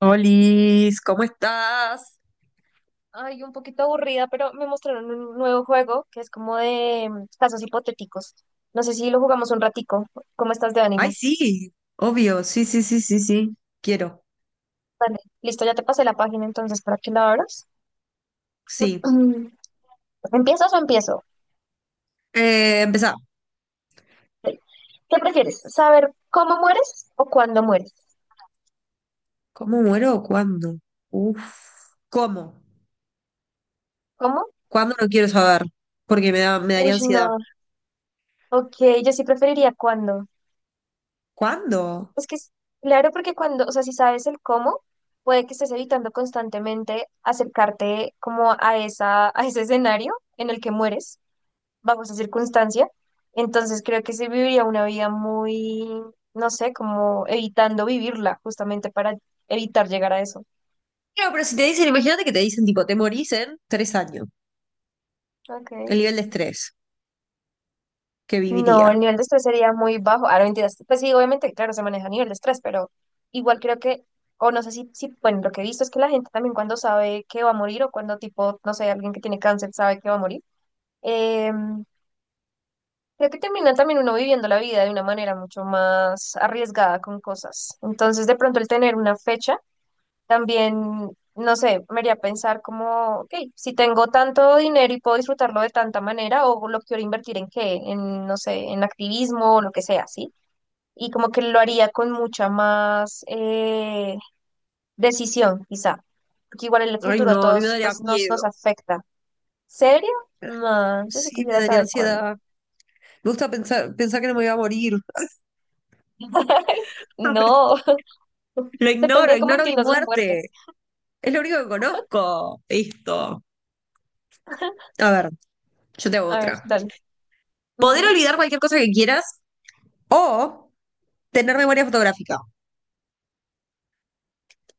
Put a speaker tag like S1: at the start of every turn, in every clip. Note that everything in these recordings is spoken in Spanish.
S1: Olis, ¿cómo estás?
S2: Ay, un poquito aburrida, pero me mostraron un nuevo juego que es como de casos hipotéticos. No sé si lo jugamos un ratico. ¿Cómo estás de
S1: Ay,
S2: ánimo?
S1: sí, obvio, sí, sí, sí, sí, sí, quiero,
S2: Vale, listo, ya te pasé la página entonces para que la abras.
S1: sí.
S2: ¿Empiezas o empiezo?
S1: Empezá.
S2: ¿Qué prefieres? ¿Saber cómo mueres o cuándo mueres?
S1: ¿Cómo muero o cuándo? Uf, ¿cómo?
S2: ¿Cómo?
S1: ¿Cuándo no quiero saber? Porque me daría
S2: Uy, no.
S1: ansiedad.
S2: Ok, yo sí preferiría cuándo.
S1: ¿Cuándo?
S2: Es que, claro, porque cuando, o sea, si sabes el cómo, puede que estés evitando constantemente acercarte como a esa, a ese escenario en el que mueres bajo esa circunstancia. Entonces creo que se viviría una vida muy, no sé, como evitando vivirla, justamente para evitar llegar a eso.
S1: Claro, pero si te dicen, imagínate que te dicen, tipo, te morís en 3 años, el
S2: Okay.
S1: nivel de estrés que
S2: No, el
S1: viviría.
S2: nivel de estrés sería muy bajo. Ahora, mentiras. Pues sí, obviamente, claro, se maneja a nivel de estrés, pero igual creo que, o no sé si, bueno, lo que he visto es que la gente también cuando sabe que va a morir o cuando tipo, no sé, alguien que tiene cáncer sabe que va a morir, eh, creo que termina también uno viviendo la vida de una manera mucho más arriesgada con cosas. Entonces, de pronto el tener una fecha también, no sé, me haría pensar como, ok, si tengo tanto dinero y puedo disfrutarlo de tanta manera, o lo quiero invertir en qué, en, no sé, en activismo o lo que sea, ¿sí? Y como que lo haría con mucha más decisión, quizá, porque igual en el
S1: Ay,
S2: futuro a
S1: no, a mí me
S2: todos,
S1: daría
S2: pues, nos,
S1: miedo.
S2: nos afecta. ¿Serio? No, yo sí
S1: Sí, me
S2: quisiera
S1: daría
S2: saber cuándo.
S1: ansiedad. Me gusta pensar que no me iba a morir.
S2: No,
S1: Lo
S2: depende
S1: ignoro,
S2: de cómo
S1: ignoro mi
S2: entiendas la muerte.
S1: muerte. Es lo único que conozco. Listo. A ver, yo te hago
S2: A ver,
S1: otra.
S2: dale.
S1: Poder
S2: Ujú.
S1: olvidar cualquier cosa que quieras o tener memoria fotográfica.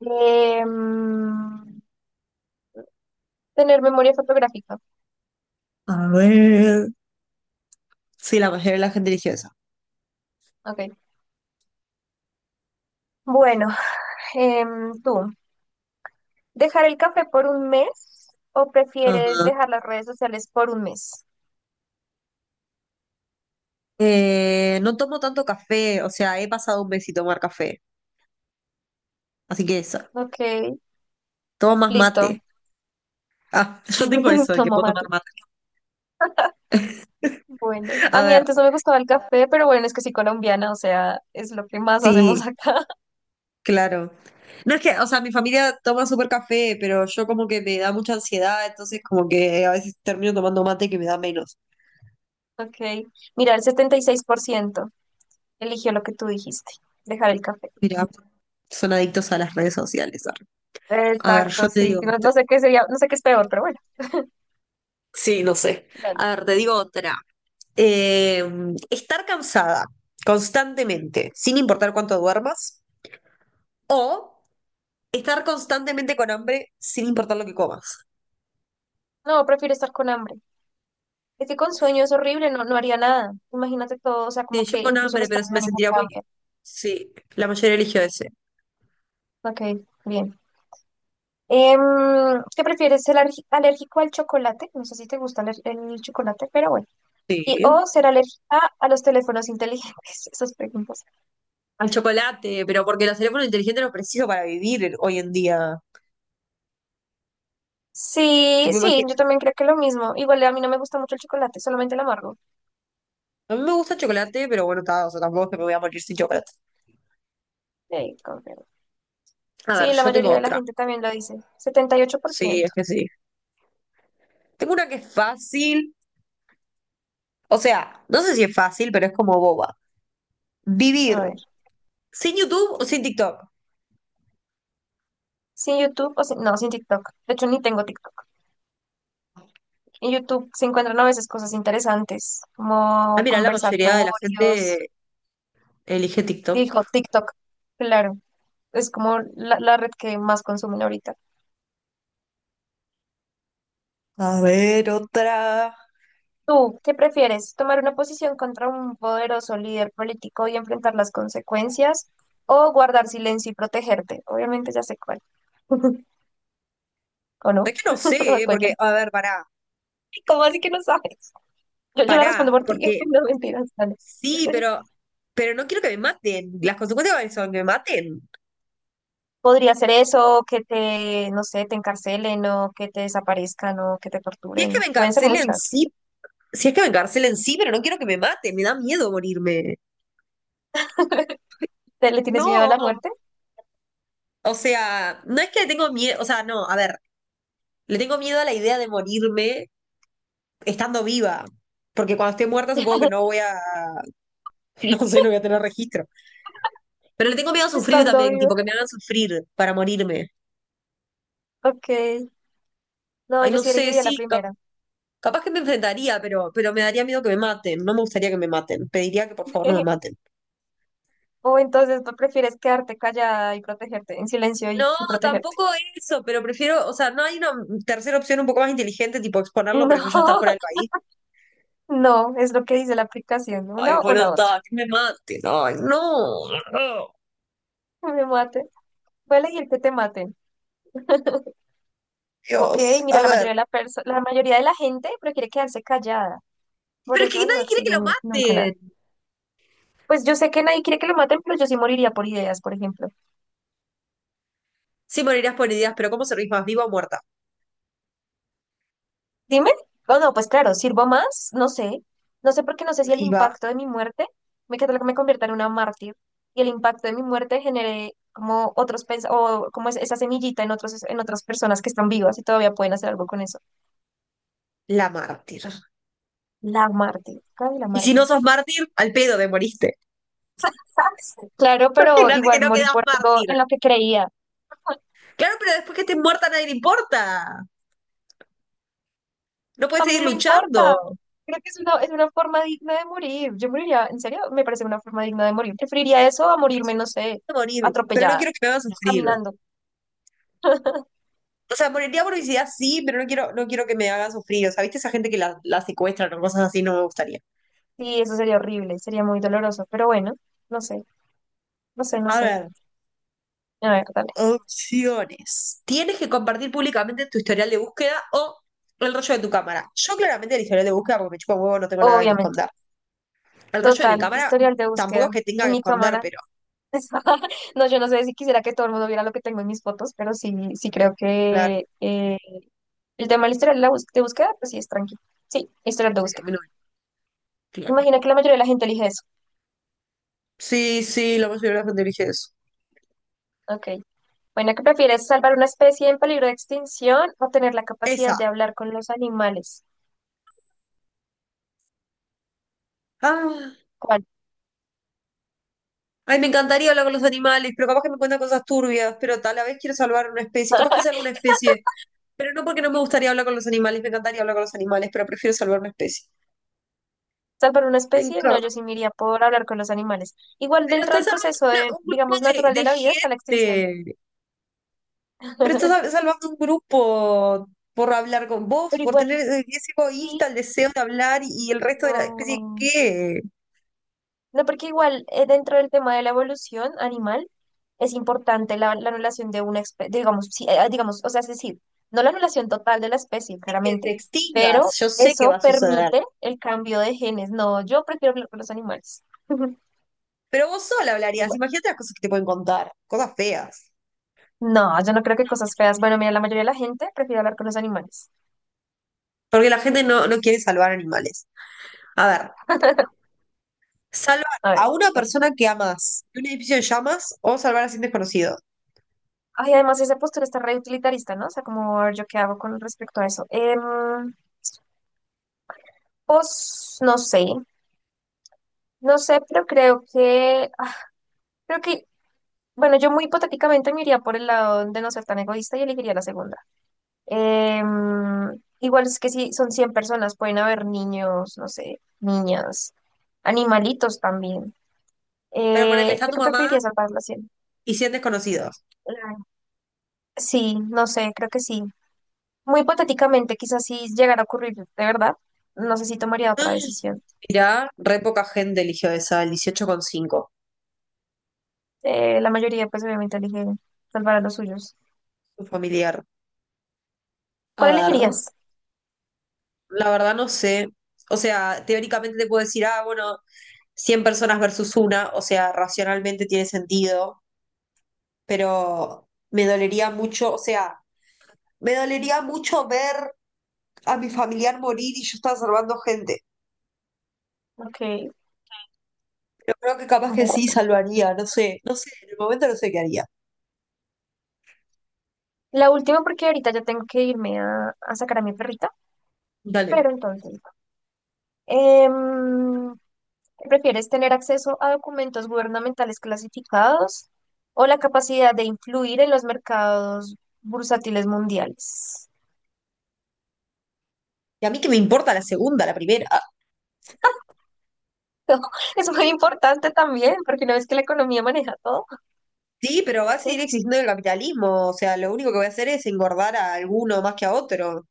S2: Em, Tener memoria fotográfica.
S1: A ver. Sí, la mayoría de la gente eligió esa.
S2: Ok. Bueno. Tú, ¿dejar el café por un mes o prefieres
S1: Ajá.
S2: dejar las redes sociales por un mes?
S1: No tomo tanto café, o sea, he pasado un mes sin tomar café. Así que esa.
S2: Ok,
S1: Tomo más
S2: listo.
S1: mate. Ah, yo tengo eso de que
S2: Tomo
S1: puedo tomar
S2: mate.
S1: mate.
S2: Bueno,
S1: A
S2: a mí
S1: ver,
S2: antes no me gustaba el café, pero bueno, es que soy colombiana, o sea, es lo que más
S1: sí,
S2: hacemos acá.
S1: claro. No es que, o sea, mi familia toma súper café, pero yo como que me da mucha ansiedad, entonces como que a veces termino tomando mate que me da menos.
S2: Ok, mira, el 76% eligió lo que tú dijiste, dejar el café.
S1: Mira, son adictos a las redes sociales. Arre. A ver, yo
S2: Exacto,
S1: te
S2: sí.
S1: digo
S2: No,
S1: otra.
S2: no sé qué sería, no sé qué es peor, pero bueno,
S1: Sí, no sé.
S2: dale.
S1: A ver, te digo otra. Eh, estar cansada constantemente, sin importar cuánto duermas, o estar constantemente con hambre, sin importar lo que comas.
S2: No, prefiero estar con hambre. Es que con sueño es horrible, no, no haría nada. Imagínate todo, o sea,
S1: Sí,
S2: como
S1: yo
S2: que
S1: con
S2: incluso el
S1: hambre, pero
S2: estado de
S1: me
S2: ánimo
S1: sentiría muy.
S2: cambia.
S1: Sí, la mayoría eligió ese.
S2: Ok, bien. Em, ¿Qué prefieres? ¿Ser alérgico al chocolate? No sé si te gusta el chocolate, pero bueno. Y, o
S1: Sí.
S2: ser alérgica a los teléfonos inteligentes, esas preguntas.
S1: Al chocolate, pero porque los teléfonos inteligentes los preciso para vivir hoy en día.
S2: Sí,
S1: Tipo,
S2: sí,
S1: imagi-
S2: yo también creo que lo mismo. Igual a mí no me gusta mucho el chocolate, solamente el amargo.
S1: A mí me gusta el chocolate, pero bueno, ta, o sea, tampoco es que me voy a morir sin chocolate.
S2: Sí, confirmo.
S1: A ver,
S2: Sí, la
S1: yo tengo
S2: mayoría de la
S1: otra.
S2: gente también lo dice. Setenta y ocho por
S1: Sí, es
S2: ciento.
S1: que sí. Tengo una que es fácil. O sea, no sé si es fácil, pero es como boba. Vivir
S2: A ver.
S1: sin YouTube o sin TikTok.
S2: ¿Sin YouTube o no, sin TikTok? De hecho, ni tengo TikTok. En YouTube se encuentran a veces cosas interesantes,
S1: Ah,
S2: como
S1: mira, la mayoría de la
S2: conversatorios.
S1: gente elige TikTok.
S2: Dijo TikTok, claro. Es como la red que más consumen ahorita.
S1: A ver, otra.
S2: ¿Tú qué prefieres? ¿Tomar una posición contra un poderoso líder político y enfrentar las consecuencias? ¿O guardar silencio y protegerte? Obviamente ya sé cuál. ¿O
S1: Es
S2: no?
S1: que no sé,
S2: O
S1: ¿eh? Porque,
S2: cualquiera.
S1: a ver, pará,
S2: ¿Cómo así que no sabes? Yo la respondo
S1: pará,
S2: por ti.
S1: porque
S2: No mentiras, dale.
S1: sí, pero no quiero que me maten. Las consecuencias son que me maten.
S2: Podría ser eso, que te, no sé, te encarcelen o que te desaparezcan o que te
S1: Si es que
S2: torturen.
S1: me
S2: Pueden ser
S1: encarcelen,
S2: muchas.
S1: sí, si es que me encarcelen, sí, pero no quiero que me maten, me da miedo morirme.
S2: ¿Le tienes miedo a la
S1: No.
S2: muerte?
S1: O sea, no es que le tengo miedo, o sea, no, a ver, le tengo miedo a la idea de morirme estando viva, porque cuando esté muerta supongo que no voy a, no sé, no voy a tener registro. Pero le tengo miedo a sufrir
S2: Estando
S1: también,
S2: vivo.
S1: tipo, que me hagan sufrir para morirme.
S2: Ok. No,
S1: Ay,
S2: yo
S1: no
S2: sí
S1: sé,
S2: elegiría la
S1: sí, cap-
S2: primera.
S1: capaz que me enfrentaría, pero me daría miedo que me maten, no me gustaría que me maten, pediría que por favor no me maten.
S2: O entonces tú prefieres quedarte callada y protegerte, en silencio y,
S1: No,
S2: y protegerte.
S1: tampoco eso, pero prefiero, o sea, no hay una tercera opción un poco más inteligente, tipo exponerlo, pero yo ya estar fuera
S2: No,
S1: del país.
S2: no, es lo que dice la aplicación,
S1: Ay,
S2: una o
S1: bueno,
S2: la otra.
S1: está, que me maten. Ay, no.
S2: Me maten. Voy a elegir que te maten. Ok,
S1: Dios,
S2: mira,
S1: a ver,
S2: la mayoría de la gente prefiere quedarse callada. Por
S1: pero es que
S2: eso no
S1: nadie quiere que lo
S2: exigen nunca nada.
S1: maten.
S2: Pues yo sé que nadie quiere que lo maten, pero yo sí moriría por ideas, por ejemplo.
S1: Sí, morirás por heridas, pero ¿cómo servís más, viva o muerta?
S2: Dime, oh no, pues claro, sirvo más, no sé, no sé porque no sé si el
S1: Viva
S2: impacto de mi muerte me que me convierta en una mártir y el impacto de mi muerte genere como otros pens- o como es- esa semillita en otras personas que están vivas y todavía pueden hacer algo con eso.
S1: la mártir.
S2: La mártir, claro, la
S1: Y si no
S2: mártir.
S1: sos mártir, al pedo te moriste.
S2: Claro, pero
S1: Imagínate que
S2: igual
S1: no
S2: morí
S1: quedas
S2: por algo
S1: mártir.
S2: en lo que creía.
S1: Claro, pero después que estés muerta a nadie le importa. No
S2: A
S1: puedes
S2: mí
S1: seguir
S2: me importa.
S1: luchando.
S2: Creo que es una forma digna de morir. Yo moriría, en serio, me parece una forma digna de morir. Preferiría eso a morirme, no sé,
S1: Quiero morir, pero no
S2: atropellada,
S1: quiero que me hagas sufrir.
S2: caminando.
S1: O sea, moriría por obesidad, sí, pero no quiero que me hagan sufrir. O sea, ¿viste esa gente que la secuestran o cosas así? No me gustaría.
S2: Sí, eso sería horrible, sería muy doloroso, pero bueno, no sé, no sé, no
S1: A
S2: sé.
S1: ver.
S2: A ver, dale.
S1: Opciones. Tienes que compartir públicamente tu historial de búsqueda o el rollo de tu cámara. Yo claramente el historial de búsqueda porque me chupa un huevo, no tengo nada que
S2: Obviamente.
S1: esconder. El rollo de mi
S2: Total,
S1: cámara
S2: historial de
S1: tampoco es
S2: búsqueda
S1: que tenga
S2: en
S1: que
S2: mi
S1: esconder,
S2: cámara.
S1: pero
S2: No, yo no sé si quisiera que todo el mundo viera lo que tengo en mis fotos, pero sí, sí creo
S1: claro.
S2: que el tema del historial de búsqueda, pues sí es tranquilo. Sí, historial de
S1: Sí, a
S2: búsqueda.
S1: mí no me- claro.
S2: Imagina que la mayoría de la gente elige eso.
S1: Sí, sí, la mayoría de la gente elige eso.
S2: Ok. Bueno, ¿qué prefieres, salvar una especie en peligro de extinción o tener la capacidad
S1: Esa.
S2: de hablar con los animales?
S1: Ah,
S2: ¿Cuál?
S1: ay, me encantaría hablar con los animales, pero capaz que me cuentan cosas turbias, pero tal a la vez quiero salvar una especie, capaz que sea alguna especie, pero no porque no me gustaría hablar con los animales, me encantaría hablar con los animales, pero prefiero salvar una especie.
S2: Salvar una
S1: Me
S2: especie, no,
S1: encanta.
S2: yo sí me iría por hablar con los animales. Igual
S1: Pero
S2: dentro
S1: estás
S2: del
S1: salvando
S2: proceso de,
S1: un grupo
S2: digamos,
S1: de,
S2: natural de
S1: de
S2: la vida está la extinción.
S1: gente. Pero estás sal- salvando un grupo por hablar con vos,
S2: Pero
S1: por tener
S2: igual,
S1: ese egoísta,
S2: sí,
S1: el deseo de hablar y el resto de la especie,
S2: no.
S1: ¿qué?
S2: No, porque igual dentro del tema de la evolución animal es importante la anulación de una especie, digamos, sí, digamos, o sea, es decir, no la anulación total de la especie,
S1: Sí, que te
S2: claramente, pero
S1: extingas, yo sé que
S2: eso
S1: va a suceder.
S2: permite el cambio de genes. No, yo prefiero hablar con los animales.
S1: Pero vos sola hablarías,
S2: Igual.
S1: imagínate las cosas que te pueden contar, cosas feas.
S2: No, yo no creo que cosas feas. Bueno, mira, la mayoría de la gente prefiere hablar con los animales.
S1: Porque la gente no quiere salvar animales. A ver, salvar
S2: A ver.
S1: a una persona que amas de un edificio en llamas o salvar a 100 desconocidos.
S2: Ay, además esa postura está re utilitarista, ¿no? O sea, como a ver, yo qué hago con respecto a eso. Pues no sé, no sé, pero creo que, ah, creo que, bueno, yo muy hipotéticamente me iría por el lado de no ser tan egoísta y elegiría la segunda. Igual es que si son 100 personas, pueden haber niños, no sé, niñas, animalitos también.
S1: Pero ponele, está
S2: Creo
S1: tu
S2: que
S1: mamá
S2: preferiría salvar las 100.
S1: y 100 desconocidos.
S2: Sí, no sé, creo que sí. Muy hipotéticamente, quizás si llegara a ocurrir, de verdad, no sé si tomaría
S1: No.
S2: otra decisión.
S1: Mirá, re poca gente eligió esa, el 18,5.
S2: La mayoría, pues obviamente, elige salvar a los suyos.
S1: Un familiar. A
S2: ¿Cuál
S1: ver.
S2: elegirías?
S1: La verdad no sé. O sea, teóricamente te puedo decir, ah, bueno, 100 personas versus una, o sea, racionalmente tiene sentido, pero me dolería mucho, o sea, me dolería mucho ver a mi familiar morir y yo estar salvando gente.
S2: Ok,
S1: Pero creo que capaz que sí
S2: bueno.
S1: salvaría, no sé, no sé, en el momento no sé qué haría.
S2: La última, porque ahorita ya tengo que irme a sacar a mi perrita,
S1: Dale.
S2: pero entonces, em, ¿prefieres tener acceso a documentos gubernamentales clasificados o la capacidad de influir en los mercados bursátiles mundiales?
S1: Y a mí que me importa la segunda, la primera.
S2: Es muy importante también, porque una vez que la economía maneja todo.
S1: Sí, pero va a seguir existiendo el capitalismo, o sea, lo único que voy a hacer es engordar a alguno más que a otro.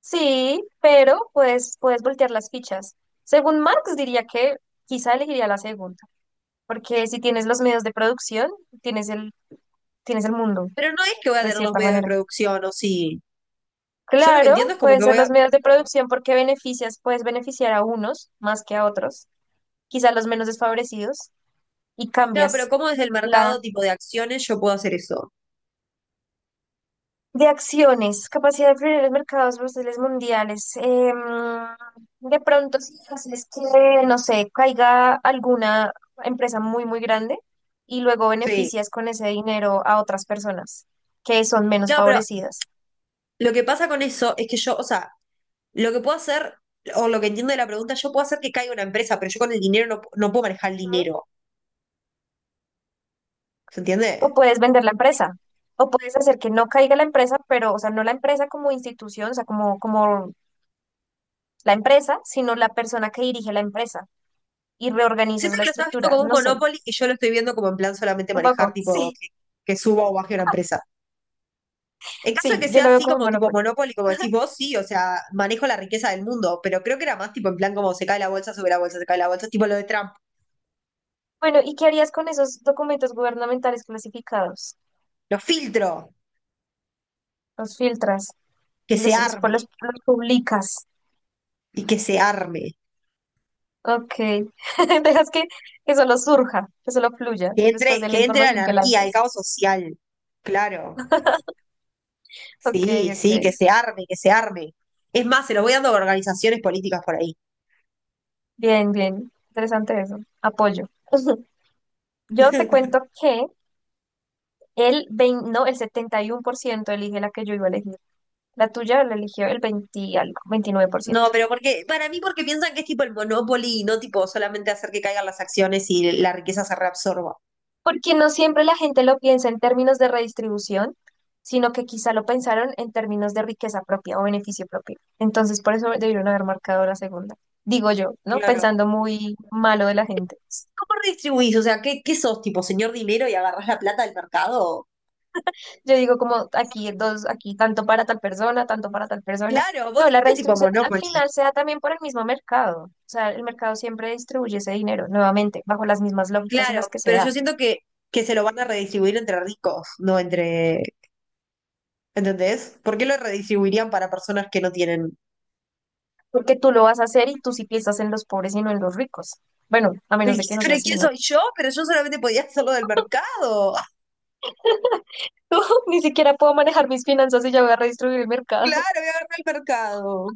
S2: Sí, pero pues puedes voltear las fichas. Según Marx diría que quizá elegiría la segunda, porque si tienes los medios de producción, tienes el, tienes el mundo,
S1: Pero no es que voy a
S2: de
S1: tener los
S2: cierta
S1: medios de
S2: manera.
S1: producción, o sí. Yo lo que
S2: Claro,
S1: entiendo es como
S2: pueden
S1: que
S2: ser
S1: voy
S2: los
S1: a.
S2: medios de producción porque beneficias, puedes beneficiar a unos más que a otros, quizá los menos desfavorecidos, y
S1: Claro, pero
S2: cambias.
S1: ¿cómo desde el mercado tipo de acciones yo puedo hacer eso?
S2: De acciones, capacidad de influir en los mercados bursátiles mundiales. De pronto, si haces que, no sé, caiga alguna empresa muy, muy grande y luego
S1: Sí.
S2: beneficias con ese dinero a otras personas que son menos
S1: Claro, pero
S2: favorecidas.
S1: lo que pasa con eso es que yo, o sea, lo que puedo hacer, o lo que entiendo de la pregunta, yo puedo hacer que caiga una empresa, pero yo con el dinero no puedo manejar el
S2: Ujú.
S1: dinero. ¿Se
S2: O
S1: entiende?
S2: puedes vender la empresa, o puedes hacer que no caiga la empresa, pero, o sea, no la empresa como institución, o sea, como la empresa, sino la persona que dirige la empresa y
S1: Siento
S2: reorganizas la
S1: que lo estás viendo
S2: estructura.
S1: como un
S2: No sé,
S1: monopoly y yo lo estoy viendo como en plan solamente
S2: un
S1: manejar,
S2: poco.
S1: tipo,
S2: Sí,
S1: que suba o baje una empresa. En caso de
S2: sí,
S1: que
S2: yo
S1: sea
S2: lo veo
S1: así
S2: como un
S1: como tipo
S2: monopolio.
S1: Monopoly, como decís vos, sí, o sea, manejo la riqueza del mundo, pero creo que era más tipo en plan como se cae la bolsa, sube la bolsa, se cae la bolsa, tipo lo de Trump.
S2: Bueno, ¿y qué harías con esos documentos gubernamentales clasificados?
S1: Lo filtro,
S2: Los filtras
S1: que
S2: y
S1: se
S2: los, los, pues,
S1: arme,
S2: los- los publicas.
S1: y que se arme,
S2: Ok. Dejas que solo surja, que solo fluya después de la
S1: que entre la
S2: información que
S1: anarquía, el
S2: lanzas.
S1: caos social. Claro,
S2: Ok,
S1: sí, sí, que
S2: ok.
S1: se arme, que se arme. Es más, se lo voy dando a organizaciones políticas por ahí.
S2: Bien, bien. Interesante eso. Apoyo. Yo te cuento que el 20, no, el 71% elige la que yo iba a elegir. La tuya la eligió el 20 y algo, veintinueve por
S1: No,
S2: ciento.
S1: pero porque, para mí, porque piensan que es tipo el Monopoly y no tipo solamente hacer que caigan las acciones y la riqueza se reabsorba.
S2: Porque no siempre la gente lo piensa en términos de redistribución, sino que quizá lo pensaron en términos de riqueza propia o beneficio propio. Entonces, por eso debieron haber marcado la segunda. Digo yo, ¿no?
S1: Claro.
S2: Pensando muy malo de la gente.
S1: ¿Cómo redistribuís? O sea, ¿qué sos, tipo, señor dinero y agarrás la plata del mercado?
S2: Yo digo como aquí dos, aquí tanto para tal persona, tanto para tal persona.
S1: Claro, vos
S2: No, la
S1: dijiste tipo
S2: redistribución al
S1: Monopoly.
S2: final se da también por el mismo mercado. O sea, el mercado siempre distribuye ese dinero, nuevamente, bajo las mismas lógicas en las
S1: Claro,
S2: que se
S1: pero yo
S2: da.
S1: siento que se lo van a redistribuir entre ricos, no entre. ¿Entendés? ¿Por qué lo redistribuirían para personas que no tienen?
S2: Porque tú lo vas a hacer y tú sí piensas en los pobres y no en los ricos. Bueno, a
S1: ¿Pero,
S2: menos de que
S1: qui-
S2: no
S1: pero
S2: sea así,
S1: quién
S2: ¿no?
S1: soy yo? Pero yo solamente podía hacerlo del mercado. Ah,
S2: Ni siquiera puedo manejar mis finanzas y ya voy a redistribuir el mercado.
S1: claro, voy a agarrar el mercado.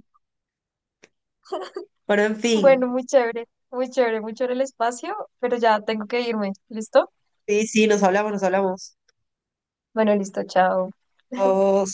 S1: Bueno, en
S2: Bueno,
S1: fin.
S2: muy chévere, muy chévere, muy chévere el espacio, pero ya tengo que irme. ¿Listo?
S1: Sí, sí, nos hablamos, nos hablamos.
S2: Bueno, listo, chao.
S1: Vos.